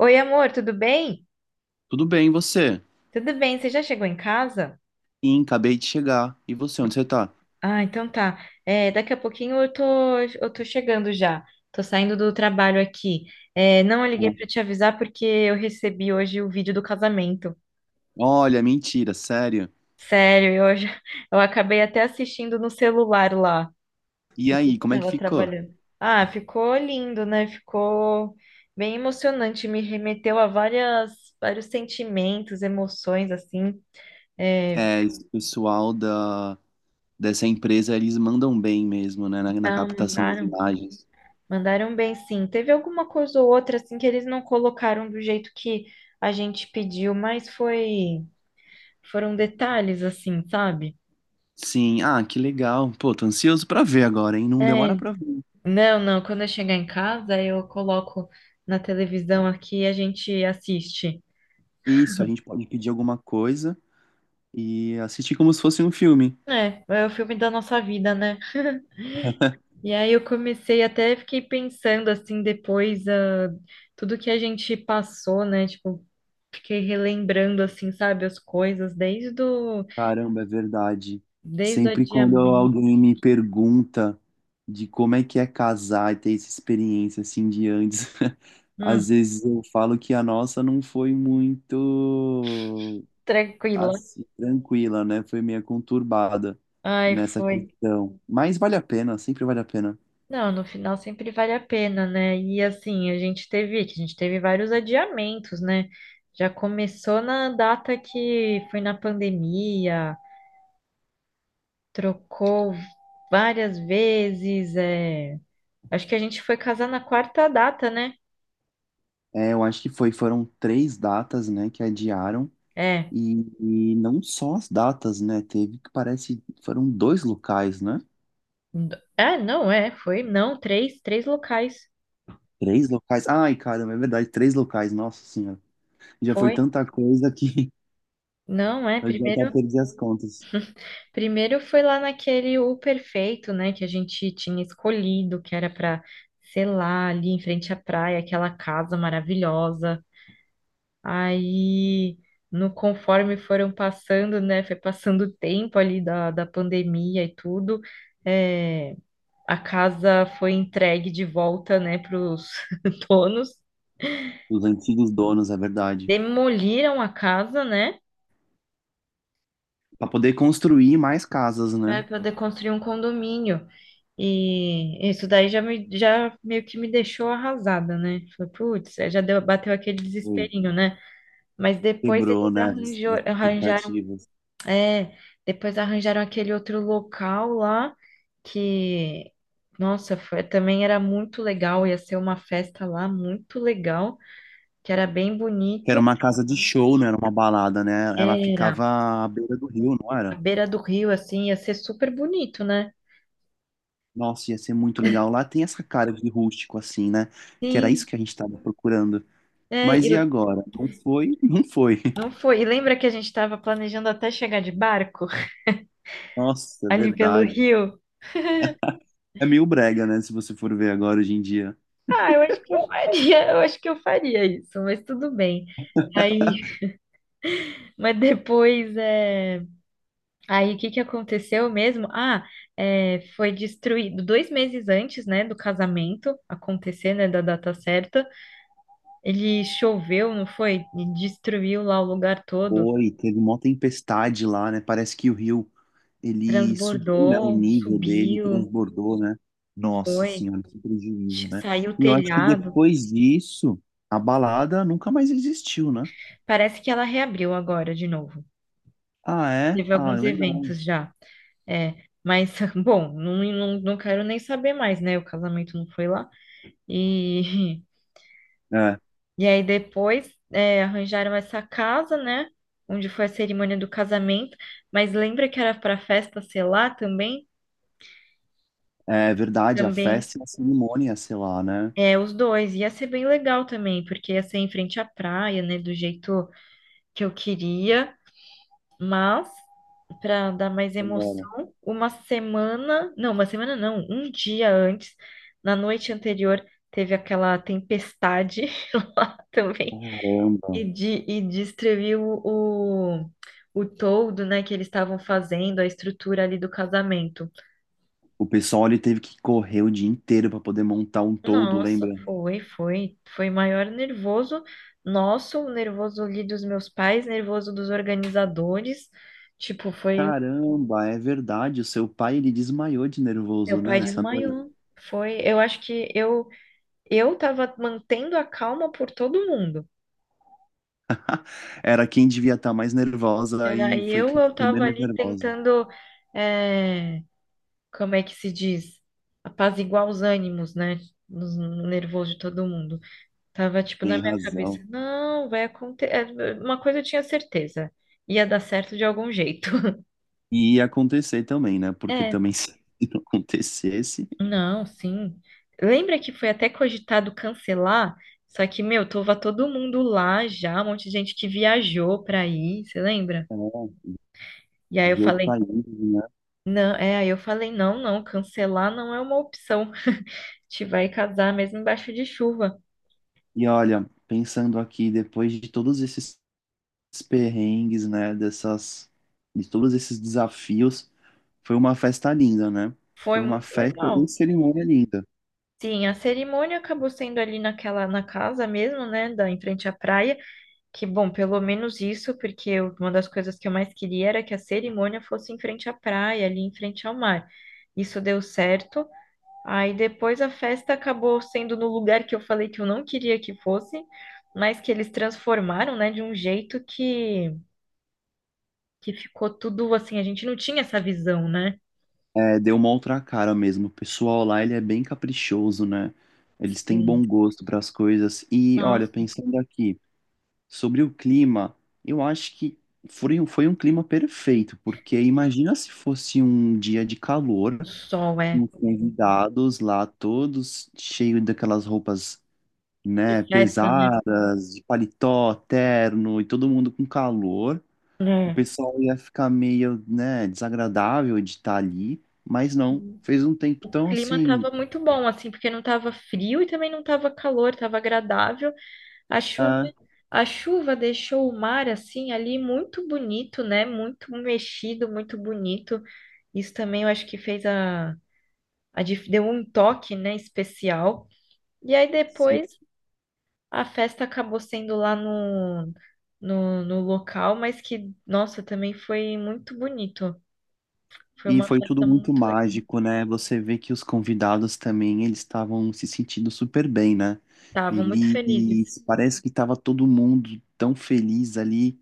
Oi, amor, tudo bem? Tudo bem, e você? Tudo bem, você já chegou em casa? Sim, acabei de chegar. E você, onde você tá? Ah, então tá. Daqui a pouquinho eu tô chegando já. Tô saindo do trabalho aqui. Não, eu liguei pra Tá. te avisar porque eu recebi hoje o vídeo do casamento. Olha, mentira, sério. Sério, já- eu acabei até assistindo no celular lá, E enquanto aí, eu como é que tava ficou? trabalhando. Ah, ficou lindo, né? Ficou bem emocionante. Me remeteu a vários sentimentos, emoções, assim. É, É, esse pessoal dessa empresa, eles mandam bem mesmo, né, na não, captação das mandaram. imagens. Mandaram bem, sim. Teve alguma coisa ou outra assim que eles não colocaram do jeito que a gente pediu, mas foi foram detalhes assim, sabe? Sim, ah, que legal. Pô, tô ansioso pra ver agora, hein? Não É, demora pra ver. não, não, quando eu chegar em casa, eu coloco na televisão aqui e a gente assiste. Isso, a gente pode pedir alguma coisa e assistir como se fosse um filme. É, é o filme da nossa vida, né? E aí eu comecei até fiquei pensando assim depois ah, tudo que a gente passou, né? Tipo, fiquei relembrando assim, sabe, as coisas Caramba, é verdade. desde o Sempre quando adiamento. alguém me pergunta de como é que é casar e ter essa experiência assim de antes, às Hum. vezes eu falo que a nossa não foi muito Tranquila. assim, tranquila, né? Foi meio conturbada Ai, nessa foi. questão. Mas vale a pena, sempre vale a pena. Não, no final sempre vale a pena, né? E assim, que a gente teve vários adiamentos, né? Já começou na data que foi na pandemia, trocou várias vezes, é. Acho que a gente foi casar na quarta data, né? É, eu acho que foi, foram três datas, né, que adiaram. É. E, e não só as datas, né? Teve que parece, foram dois locais, né? É, não, é, foi, não, três, três locais. Três locais? Ai, caramba, é verdade, três locais, nossa senhora. Já foi Foi. tanta coisa que Não, é, eu já até primeiro perdi as contas. Primeiro foi lá naquele O Perfeito, né, que a gente tinha escolhido, que era para, sei lá, ali em frente à praia, aquela casa maravilhosa. Aí, no conforme foram passando, né, foi passando o tempo ali da pandemia e tudo, é, a casa foi entregue de volta, né, para os donos. Os antigos donos, é verdade. Demoliram a casa, né? Para poder construir mais casas, né? Vai poder construir um condomínio. E isso daí já meio que me deixou arrasada, né? Falei, putz, é, já deu, bateu aquele Foi. desesperinho, né? Mas depois Quebrou, né? As, as arranjaram, expectativas. é, depois arranjaram aquele outro local lá que, nossa, foi, também era muito legal, ia ser uma festa lá muito legal, que era bem Que era bonito. uma casa de show, né? Era uma balada, né? Ela Era ficava à beira do rio, não à era? beira do rio, assim, ia ser super bonito, né? Nossa, ia ser muito legal. Lá tem essa cara de rústico, assim, né? Que era isso Sim, que a gente estava procurando. é, e Mas e agora? Não foi? Não foi. não foi. E lembra que a gente estava planejando até chegar de barco Nossa, é ali pelo verdade. rio? É meio brega, né? Se você for ver agora hoje em dia. Ah, eu acho que eu faria, isso, mas tudo bem. Aí, mas depois é. Aí o que que aconteceu mesmo? Ah, é, foi destruído dois meses antes, né, do casamento acontecer, né, da data certa. Ele choveu, não foi? E destruiu lá o lugar todo, Oi, teve uma tempestade lá, né? Parece que o rio ele subiu, né? O transbordou, nível dele subiu, transbordou, né? Nossa foi, senhora, que prejuízo, né? saiu o E eu acho que telhado. depois disso, a balada nunca mais existiu, né? Parece que ela reabriu agora de novo. Ah, é? Teve Ah, alguns legal. eventos já. É, mas, bom, não quero nem saber mais, né? O casamento não foi lá. E, É, e aí depois é, arranjaram essa casa, né? Onde foi a cerimônia do casamento. Mas lembra que era para festa ser lá também? é verdade, a Também. festa e a cerimônia, sei lá, né? É, os dois. Ia ser bem legal também, porque ia ser em frente à praia, né? Do jeito que eu queria. Mas, para dar mais Agora, emoção, uma semana não, um dia antes, na noite anterior, teve aquela tempestade lá também caramba. e, de, e descreviu o toldo, né, que eles estavam fazendo, a estrutura ali do casamento. O pessoal ele teve que correr o dia inteiro para poder montar um toldo, Nossa, lembra? Foi maior nervoso nosso, nervoso ali dos meus pais, nervoso dos organizadores. Tipo, foi Caramba, é verdade. O seu pai, ele desmaiou de meu nervoso, pai né, essa noite. desmaiou. Foi, eu acho que eu tava mantendo a calma por todo mundo. Era quem devia estar mais nervosa Era e foi quem eu ficou tava menos ali nervosa. tentando, é, como é que se diz? Apaziguar os ânimos, né? No nervoso de todo mundo. Tava tipo na Tem minha cabeça, razão. não, vai acontecer. Uma coisa eu tinha certeza, ia dar certo de algum jeito. E ia acontecer também, né? Porque É, também se não acontecesse, não, sim. Lembra que foi até cogitado cancelar? Só que, meu, tava todo mundo lá já, um monte de gente que viajou pra ir, você lembra? é, E aí eu os outros falei, países, né? não, é, aí eu falei, não, não, cancelar não é uma opção. Te vai casar mesmo embaixo de chuva. E olha, pensando aqui, depois de todos esses perrengues, né, dessas, de todos esses desafios, foi uma festa linda, né? Foi Foi uma muito festa e legal. cerimônia linda. Sim, a cerimônia acabou sendo ali na casa mesmo, né, da, em frente à praia. Que bom, pelo menos isso, porque uma das coisas que eu mais queria era que a cerimônia fosse em frente à praia, ali em frente ao mar. Isso deu certo. Aí depois a festa acabou sendo no lugar que eu falei que eu não queria que fosse, mas que eles transformaram, né, de um jeito que ficou tudo assim, a gente não tinha essa visão, né? É, deu uma outra cara mesmo. O pessoal lá, ele é bem caprichoso, né? Eles têm bom Sim. gosto para as coisas. E olha, Nossa, pensando aqui sobre o clima, eu acho que foi, foi um clima perfeito, porque imagina se fosse um dia de o calor, sol é com os convidados lá todos cheios daquelas roupas, de né, festa, né? pesadas, de paletó, terno e todo mundo com calor. O É. pessoal ia ficar meio, né, desagradável de estar ali, mas não. Fez um tempo O tão clima tava assim, muito bom, assim, porque não tava frio e também não tava calor, tava agradável. A chuva, ah, a chuva deixou o mar assim ali muito bonito, né? Muito mexido, muito bonito. Isso também eu acho que fez a deu um toque, né, especial. E aí sim. depois a festa acabou sendo lá no local, mas que, nossa, também foi muito bonito. Foi E uma foi tudo festa muito muito legal. mágico, né? Você vê que os convidados também, eles estavam se sentindo super bem, né? Estavam muito felizes, Eles, parece que estava todo mundo tão feliz ali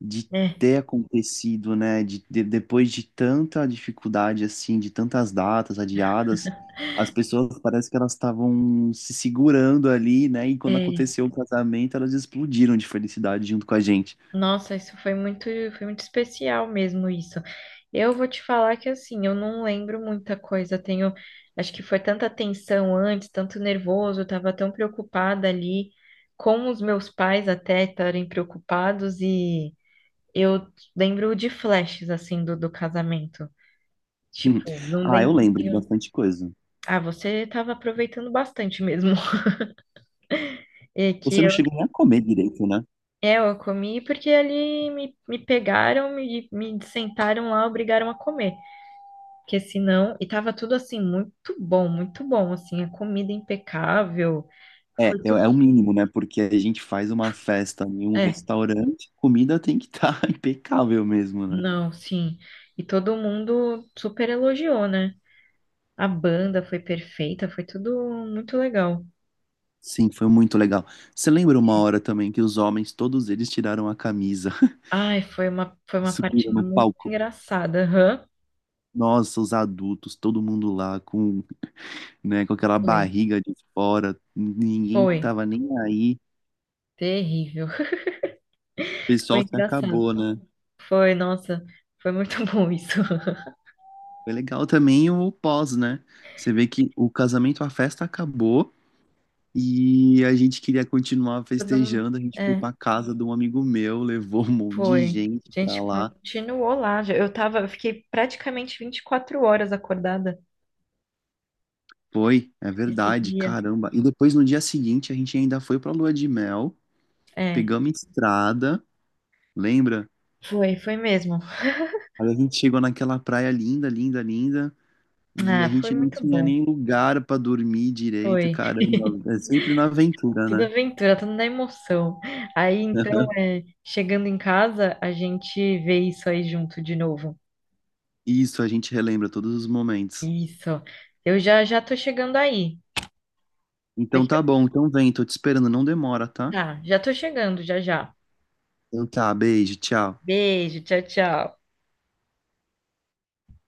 de né? ter acontecido, né? De, depois de tanta dificuldade, assim, de tantas datas adiadas, as pessoas parece que elas estavam se segurando ali, né? E quando É. aconteceu o casamento, elas explodiram de felicidade junto com a gente. Nossa, foi muito especial mesmo isso. Eu vou te falar que assim, eu não lembro muita coisa. Tenho, acho que foi tanta tensão antes, tanto nervoso, eu tava tão preocupada ali com os meus pais até estarem preocupados e eu lembro de flashes assim do casamento. Hum. Tipo, não Ah, eu lembro. lembro de bastante coisa. Ah, você tava aproveitando bastante mesmo. E que Você não eu chegou nem a comer direito, né? é, eu comi porque ali me pegaram, me sentaram lá, obrigaram a comer. Porque senão, e tava tudo assim, muito bom, assim, a comida impecável, É, é, foi tudo, é o mínimo, né? Porque a gente faz uma festa em um é, restaurante, comida tem que estar impecável mesmo, né? não, sim, e todo mundo super elogiou, né? A banda foi perfeita, foi tudo muito legal. Sim, foi muito legal. Você lembra uma hora também que os homens, todos eles tiraram a camisa Ai, foi e uma parte subiram no muito palco? engraçada, aham. Nossa, os adultos, todo mundo lá com, né, com aquela Foi, barriga de fora, ninguém foi, tava nem aí. O terrível, foi pessoal se engraçado, acabou, né? foi, nossa, foi muito bom isso, Foi legal também o pós, né? Você vê que o casamento, a festa acabou e a gente queria continuar todo mundo, festejando. A gente foi é. pra casa de um amigo meu, levou um monte de Foi. gente A pra gente lá. continuou lá. Eu fiquei praticamente 24 horas acordada Foi, é esse verdade, dia. caramba. E depois no dia seguinte a gente ainda foi pra lua de mel, É, pegamos estrada, lembra? Foi mesmo. Aí a gente chegou naquela praia linda, linda, linda, e a Ah, foi gente não muito tinha bom. nem lugar pra dormir direito, Foi. caramba. É sempre na aventura, Tudo né? aventura, tudo na emoção. Aí então, é, chegando em casa, a gente vê isso aí junto de novo. Isso, a gente relembra todos os momentos. Isso. Eu já já tô chegando aí. Então Daqui tá a... bom, então vem, tô te esperando, não demora, tá? Tá, já tô chegando, já já. Então tá, beijo, tchau. Beijo, tchau, tchau.